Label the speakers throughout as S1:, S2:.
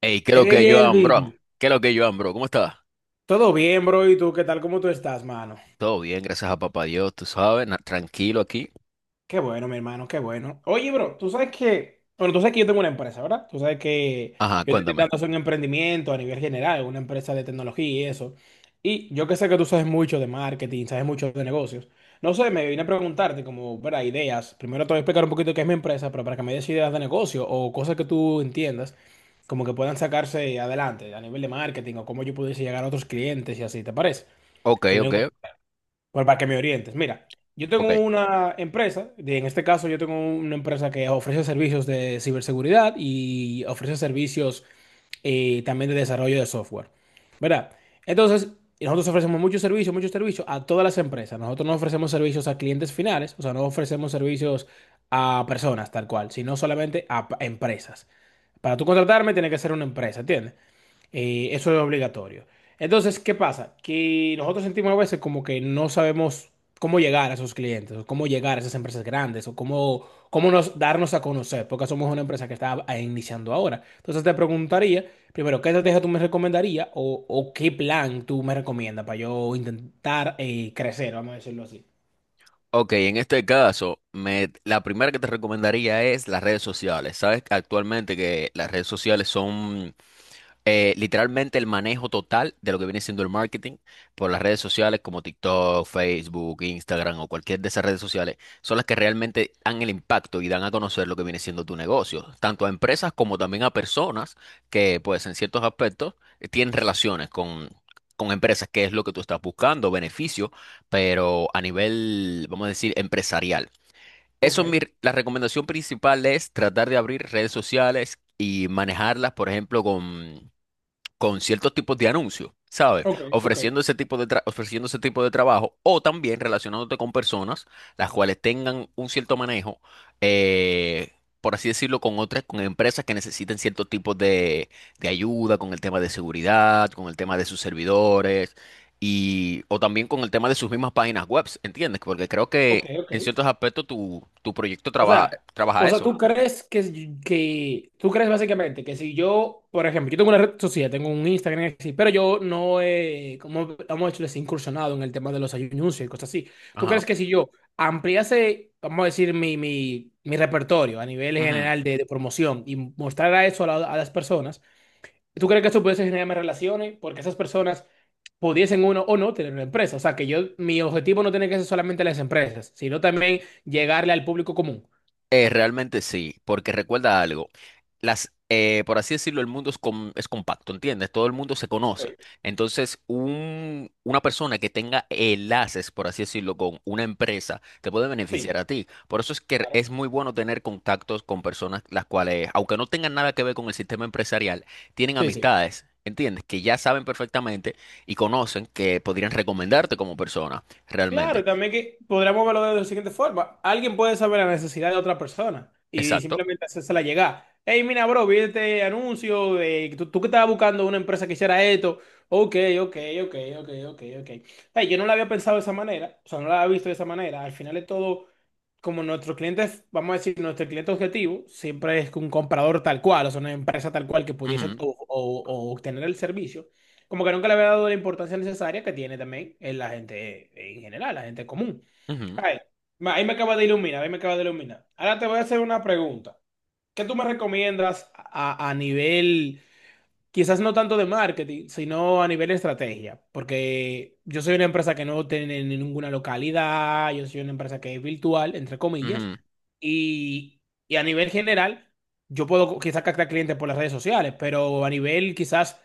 S1: Hey, creo que
S2: Hey
S1: Joan, bro.
S2: Elvin,
S1: ¿Qué es lo que Joan, bro? ¿Cómo estás?
S2: ¿todo bien, bro? ¿Y tú qué tal? ¿Cómo tú estás, mano?
S1: Todo bien, gracias a papá Dios, tú sabes, tranquilo aquí.
S2: Qué bueno, mi hermano, qué bueno. Oye, bro, tú sabes que, bueno, tú sabes que yo tengo una empresa, ¿verdad? Tú sabes que
S1: Ajá,
S2: yo estoy
S1: cuéntame.
S2: intentando hacer un emprendimiento a nivel general, una empresa de tecnología y eso. Y yo que sé que tú sabes mucho de marketing, sabes mucho de negocios. No sé, me vine a preguntarte como, ¿verdad? Ideas. Primero te voy a explicar un poquito qué es mi empresa, pero para que me des ideas de negocio o cosas que tú entiendas, como que puedan sacarse adelante a nivel de marketing o cómo yo pudiese llegar a otros clientes y así, ¿te parece?
S1: Ok,
S2: Si no,
S1: ok,
S2: pues para que me orientes, mira, yo
S1: ok.
S2: tengo una empresa, en este caso yo tengo una empresa que ofrece servicios de ciberseguridad y ofrece servicios también de desarrollo de software, ¿verdad? Entonces, nosotros ofrecemos muchos servicios a todas las empresas. Nosotros no ofrecemos servicios a clientes finales, o sea, no ofrecemos servicios a personas tal cual, sino solamente a empresas. Para tú contratarme tiene que ser una empresa, ¿entiendes? Eso es obligatorio. Entonces, ¿qué pasa? Que nosotros sentimos a veces como que no sabemos cómo llegar a esos clientes, o cómo llegar a esas empresas grandes, o cómo, cómo nos, darnos a conocer, porque somos una empresa que está iniciando ahora. Entonces, te preguntaría, primero, ¿qué estrategia tú me recomendarías o qué plan tú me recomiendas para yo intentar crecer, vamos a decirlo así?
S1: Ok, en este caso, la primera que te recomendaría es las redes sociales. Sabes que actualmente que las redes sociales son literalmente el manejo total de lo que viene siendo el marketing por las redes sociales como TikTok, Facebook, Instagram o cualquier de esas redes sociales son las que realmente dan el impacto y dan a conocer lo que viene siendo tu negocio, tanto a empresas como también a personas que pues en ciertos aspectos tienen relaciones con empresas, que es lo que tú estás buscando, beneficio, pero a nivel, vamos a decir, empresarial.
S2: Ok,
S1: Eso es mi, r- la recomendación principal es tratar de abrir redes sociales y manejarlas, por ejemplo, con ciertos tipos de anuncios, ¿sabes?
S2: ok, ok,
S1: Ofreciendo ese tipo de trabajo o también relacionándote con personas las cuales tengan un cierto manejo, eh, por así decirlo, con empresas que necesiten cierto tipo de ayuda con el tema de seguridad, con el tema de sus servidores y o también con el tema de sus mismas páginas web, ¿entiendes? Porque creo
S2: ok,
S1: que
S2: ok.
S1: en ciertos aspectos tu proyecto
S2: O sea,
S1: trabaja
S2: o sea,
S1: eso.
S2: tú crees que, que tú crees básicamente que si yo, por ejemplo, yo tengo una red social, tengo un Instagram, así, pero yo no he, como hemos hecho, les incursionado en el tema de los anuncios y cosas así. ¿Tú
S1: Ajá.
S2: crees que si yo ampliase, vamos a decir, mi repertorio a nivel
S1: Ujú.
S2: general de promoción y mostrara eso a, a las personas, ¿tú crees que eso pudiese generarme relaciones? Porque esas personas pudiesen uno o no tener una empresa. O sea, que yo, mi objetivo no tiene que ser solamente las empresas, sino también llegarle al público común.
S1: Realmente sí, porque recuerda algo, por así decirlo, el mundo es compacto, ¿entiendes? Todo el mundo se conoce. Entonces, una persona que tenga enlaces, por así decirlo, con una empresa, te puede beneficiar
S2: Sí,
S1: a ti. Por eso es que
S2: claro.
S1: es muy bueno tener contactos con personas las cuales, aunque no tengan nada que ver con el sistema empresarial, tienen
S2: Sí, sí.
S1: amistades. ¿Entiendes? Que ya saben perfectamente y conocen que podrían recomendarte como persona,
S2: Claro,
S1: realmente.
S2: y también que podríamos verlo de la siguiente forma. Alguien puede saber la necesidad de otra persona y
S1: Exacto.
S2: simplemente hacérsela llegar. Hey, mira, bro, vi este anuncio de tú que estabas buscando una empresa que hiciera esto. Ok, ok, ok, ok, ok, ok. Hey, yo no la había pensado de esa manera, o sea, no la había visto de esa manera. Al final es todo, como nuestros clientes, vamos a decir, nuestro cliente objetivo siempre es un comprador tal cual, o sea, una empresa tal cual que pudiese
S1: Ujú,
S2: o obtener el servicio. Como que nunca le había dado la importancia necesaria que tiene también en la gente en general, la gente común.
S1: ujú,
S2: Ay, ahí me acaba de iluminar, ahí me acaba de iluminar. Ahora te voy a hacer una pregunta. ¿Qué tú me recomiendas a nivel? Quizás no tanto de marketing, sino a nivel de estrategia, porque yo soy una empresa que no tiene ninguna localidad, yo soy una empresa que es virtual, entre comillas,
S1: ujú.
S2: y, y a nivel general, yo puedo quizás captar clientes por las redes sociales, pero a nivel quizás,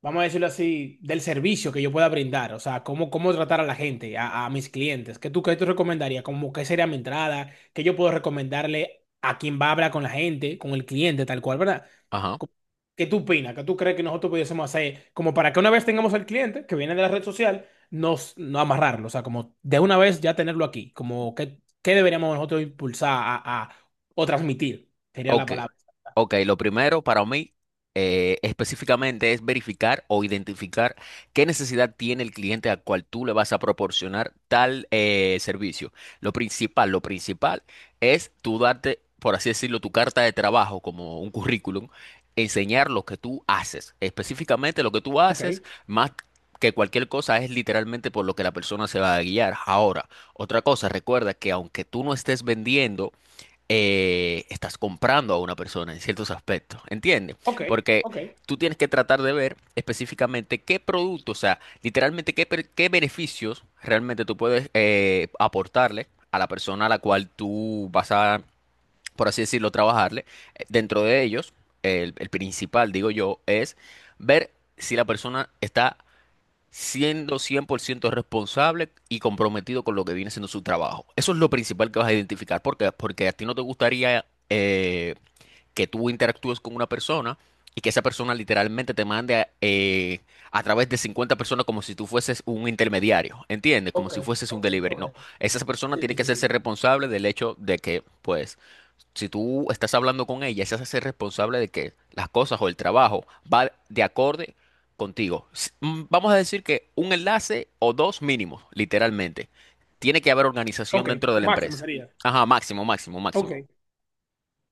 S2: vamos a decirlo así, del servicio que yo pueda brindar, o sea, cómo, cómo tratar a la gente, a mis clientes, qué tú recomendarías? ¿Cómo, qué sería mi entrada? ¿Qué yo puedo recomendarle a quien va a hablar con la gente, con el cliente, tal cual, ¿verdad?
S1: Ajá.
S2: ¿Qué tú opinas? ¿Qué tú crees que nosotros pudiésemos hacer? Como para que una vez tengamos al cliente que viene de la red social, nos, no amarrarlo. O sea, como de una vez ya tenerlo aquí. Como que, ¿qué deberíamos nosotros impulsar o transmitir? Sería la
S1: Ok.
S2: palabra.
S1: Ok, lo primero para mí específicamente es verificar o identificar qué necesidad tiene el cliente al cual tú le vas a proporcionar tal servicio. Lo principal es tú darte, por así decirlo, tu carta de trabajo como un currículum, enseñar lo que tú haces. Específicamente lo que tú
S2: Ok,
S1: haces, más que cualquier cosa, es literalmente por lo que la persona se va a guiar. Ahora, otra cosa, recuerda que aunque tú no estés vendiendo, estás comprando a una persona en ciertos aspectos, ¿entiendes?
S2: ok,
S1: Porque
S2: ok,
S1: tú tienes que tratar de ver específicamente qué producto, o sea, literalmente qué beneficios realmente tú puedes aportarle a la persona a la cual tú vas a, por así decirlo, trabajarle. Dentro de ellos, el principal, digo yo, es ver si la persona está siendo 100% responsable y comprometido con lo que viene siendo su trabajo. Eso es lo principal que vas a identificar, porque a ti no te gustaría eh, que tú interactúes con una persona y que esa persona literalmente te mande a través de 50 personas como si tú fueses un intermediario, ¿entiendes? Como
S2: ok,
S1: si fueses un
S2: ok,
S1: delivery. No,
S2: ok.
S1: esa persona
S2: Sí,
S1: tiene que
S2: sí,
S1: hacerse
S2: sí.
S1: responsable del hecho de que, pues, si tú estás hablando con ella, se hace ser responsable de que las cosas o el trabajo va de acorde contigo. Vamos a decir que un enlace o dos mínimos, literalmente. Tiene que haber organización
S2: Ok,
S1: dentro de la
S2: máximo
S1: empresa.
S2: sería.
S1: Ajá, máximo, máximo,
S2: Ok,
S1: máximo.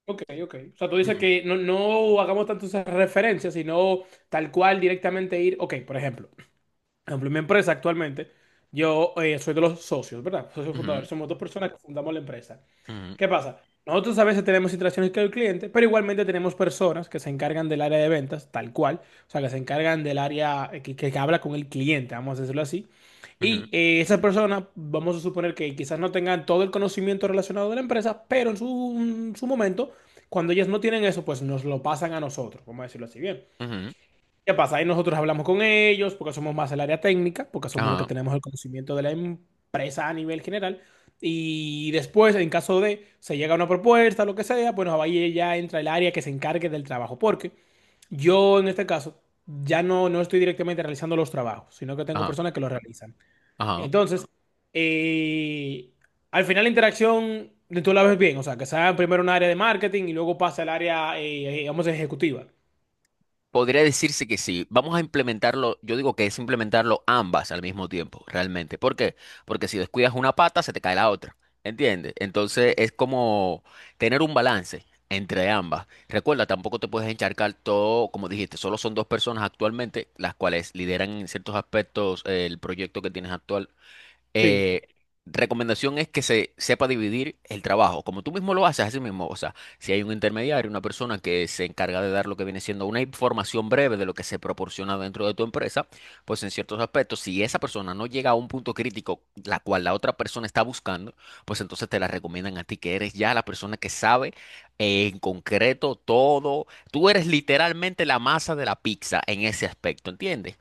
S2: ok, ok. O sea, tú dices
S1: Ujú,
S2: que no, no hagamos tantas referencias, sino tal cual directamente ir. Ok, por ejemplo. Por ejemplo, en mi empresa actualmente, yo soy de los socios, ¿verdad? Socios fundadores,
S1: ujú,
S2: somos dos personas que fundamos la empresa.
S1: ujú,
S2: ¿Qué pasa? Nosotros a veces tenemos interacciones con el cliente, pero igualmente tenemos personas que se encargan del área de ventas, tal cual, o sea, que se encargan del área que habla con el cliente, vamos a decirlo así.
S1: ujú,
S2: Y esas personas, vamos a suponer que quizás no tengan todo el conocimiento relacionado de la empresa, pero en su momento, cuando ellas no tienen eso, pues nos lo pasan a nosotros, vamos a decirlo así bien.
S1: ujú.
S2: ¿Qué pasa? Ahí nosotros hablamos con ellos porque somos más el área técnica, porque somos los que
S1: Ajá,
S2: tenemos el conocimiento de la empresa a nivel general. Y después, en caso de se llega a una propuesta, lo que sea, bueno, ahí ya entra el área que se encargue del trabajo. Porque yo, en este caso, ya no estoy directamente realizando los trabajos, sino que tengo
S1: ajá,
S2: personas que los realizan.
S1: ajá.
S2: Entonces, eh, al final la interacción, tú la ves bien, o sea, que sea primero un área de marketing y luego pasa al área, vamos, ejecutiva.
S1: Podría decirse que sí. Vamos a implementarlo, yo digo que es implementarlo ambas al mismo tiempo, realmente. ¿Por qué? Porque si descuidas una pata, se te cae la otra. ¿Entiendes? Entonces es como tener un balance entre ambas. Recuerda, tampoco te puedes encharcar todo, como dijiste, solo son dos personas actualmente las cuales lideran en ciertos aspectos el proyecto que tienes actual
S2: Sí,
S1: eh, recomendación es que se sepa dividir el trabajo, como tú mismo lo haces, así mismo. O sea, si hay un intermediario, una persona que se encarga de dar lo que viene siendo una información breve de lo que se proporciona dentro de tu empresa, pues en ciertos aspectos, si esa persona no llega a un punto crítico, la cual la otra persona está buscando, pues entonces te la recomiendan a ti, que eres ya la persona que sabe en concreto todo. Tú eres literalmente la masa de la pizza en ese aspecto, ¿entiendes?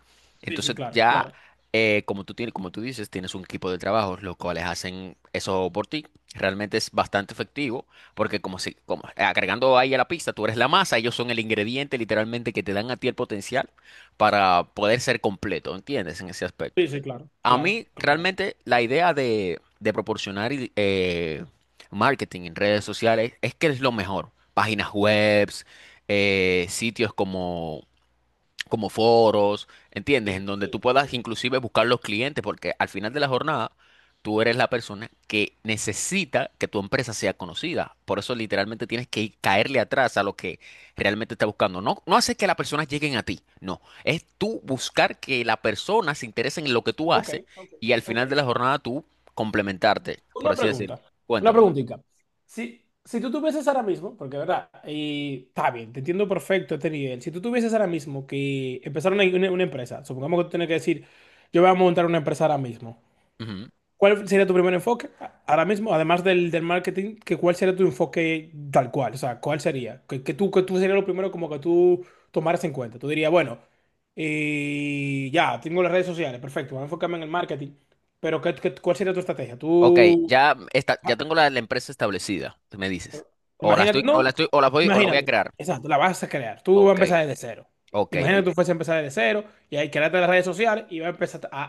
S2: sí, sí,
S1: Entonces
S2: claro,
S1: ya
S2: claro.
S1: como tú tienes, como tú dices, tienes un equipo de trabajo, los cuales hacen eso por ti. Realmente es bastante efectivo, porque como si, como agregando ahí a la pista, tú eres la masa, ellos son el ingrediente literalmente que te dan a ti el potencial para poder ser completo, ¿entiendes? En ese aspecto.
S2: Sí, sí, claro,
S1: A
S2: claro,
S1: mí
S2: claro.
S1: realmente la idea de proporcionar marketing en redes sociales es que es lo mejor. Páginas webs, sitios como foros, ¿entiendes? En
S2: Sí,
S1: donde
S2: sí,
S1: tú
S2: sí,
S1: puedas
S2: sí.
S1: inclusive buscar los clientes, porque al final de la jornada tú eres la persona que necesita que tu empresa sea conocida. Por eso literalmente tienes que caerle atrás a lo que realmente está buscando. No, no haces que las personas lleguen a ti, no. Es tú buscar que la persona se interese en lo que tú
S2: Ok,
S1: haces
S2: ok,
S1: y al
S2: ok.
S1: final de la jornada tú complementarte, por
S2: Una
S1: así decirlo.
S2: pregunta, una
S1: Cuéntame.
S2: preguntita. Si tú tuvieses ahora mismo, porque verdad, y está bien, te entiendo perfecto este nivel. Si tú tuvieses ahora mismo que empezar una empresa, supongamos que tú tienes que decir, yo voy a montar una empresa ahora mismo.
S1: Ujú.
S2: ¿Cuál sería tu primer enfoque ahora mismo? Además del marketing, que ¿cuál sería tu enfoque tal cual? O sea, ¿cuál sería? Que tú sería lo primero como que tú tomaras en cuenta. Tú dirías, bueno, ya, tengo las redes sociales, perfecto, voy a enfocarme en el marketing. Pero ¿qué, cuál sería tu estrategia?
S1: Ok,
S2: Tú,
S1: ya está, ya
S2: ah,
S1: tengo la empresa establecida, me dices. O la
S2: imagínate,
S1: estoy, o la
S2: no,
S1: estoy, o la voy a
S2: imagínate,
S1: crear.
S2: exacto, la vas a crear. Tú vas a
S1: Ok,
S2: empezar desde cero.
S1: ok.
S2: Imagínate que tú fueses a empezar desde cero y ahí creaste las redes sociales y vas a empezar a...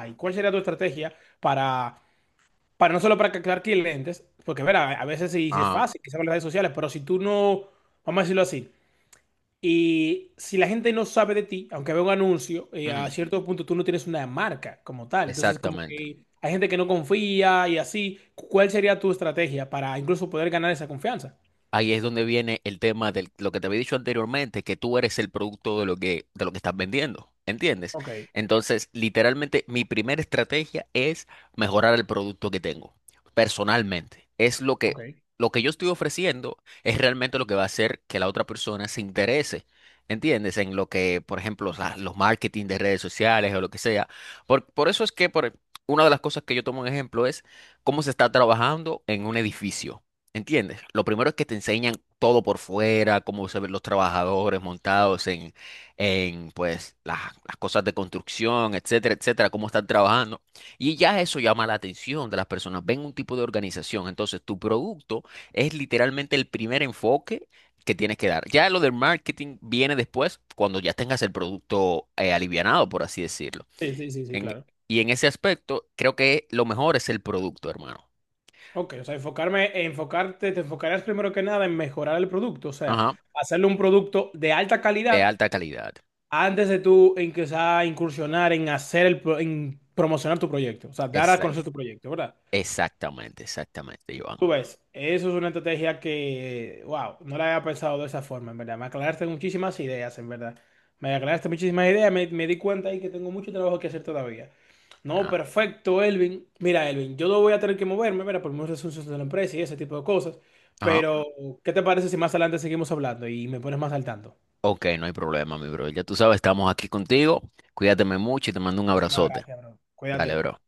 S2: ¿y ¿cuál sería tu estrategia para... para no solo para captar clientes, porque verá, a veces sí, sí es
S1: Ajá.
S2: fácil, quizás con las redes sociales, pero si tú no, vamos a decirlo así, y si la gente no sabe de ti, aunque vea un anuncio,
S1: Ujú.
S2: a cierto punto tú no tienes una marca como tal, entonces como
S1: Exactamente.
S2: que hay gente que no confía y así, ¿cuál sería tu estrategia para incluso poder ganar esa confianza?
S1: Ahí es donde viene el tema de lo que te había dicho anteriormente, que tú eres el producto de lo que estás vendiendo, ¿entiendes?
S2: Ok,
S1: Entonces, literalmente, mi primera estrategia es mejorar el producto que tengo, personalmente. Es
S2: ok.
S1: lo que yo estoy ofreciendo, es realmente lo que va a hacer que la otra persona se interese, ¿entiendes? En lo que, por ejemplo, los marketing de redes sociales o lo que sea. Por eso es que una de las cosas que yo tomo en ejemplo es cómo se está trabajando en un edificio. ¿Entiendes? Lo primero es que te enseñan todo por fuera, cómo se ven los trabajadores montados en pues, las cosas de construcción, etcétera, etcétera, cómo están trabajando. Y ya eso llama la atención de las personas. Ven un tipo de organización. Entonces, tu producto es literalmente el primer enfoque que tienes que dar. Ya lo del marketing viene después, cuando ya tengas el producto alivianado, por así decirlo.
S2: Sí, sí, sí, sí,
S1: En-
S2: claro.
S1: y en ese aspecto, creo que lo mejor es el producto, hermano.
S2: Ok, o sea, enfocarte, te enfocarás primero que nada en mejorar el producto, o sea,
S1: Ajá,
S2: hacerle un producto de alta
S1: de
S2: calidad
S1: alta calidad.
S2: antes de tú empezar a incursionar en hacer el, en promocionar tu proyecto, o sea, dar a conocer tu proyecto, ¿verdad?
S1: Exactamente, exactamente, Iván.
S2: Tú ves, eso es una estrategia que, wow, no la había pensado de esa forma, en verdad. Me aclaraste muchísimas ideas, en verdad. Me aclaraste muchísimas ideas, me di cuenta ahí que tengo mucho trabajo que hacer todavía. No,
S1: Ah.
S2: perfecto, Elvin. Mira, Elvin, yo no voy a tener que moverme, mira, por muchos asuntos de la empresa y ese tipo de cosas.
S1: Ajá.
S2: Pero, ¿qué te parece si más adelante seguimos hablando y me pones más al tanto?
S1: Ok, no hay problema, mi bro. Ya tú sabes, estamos aquí contigo. Cuídateme mucho y te mando un
S2: Muchísimas
S1: abrazote.
S2: gracias, bro.
S1: Dale,
S2: Cuídate.
S1: bro.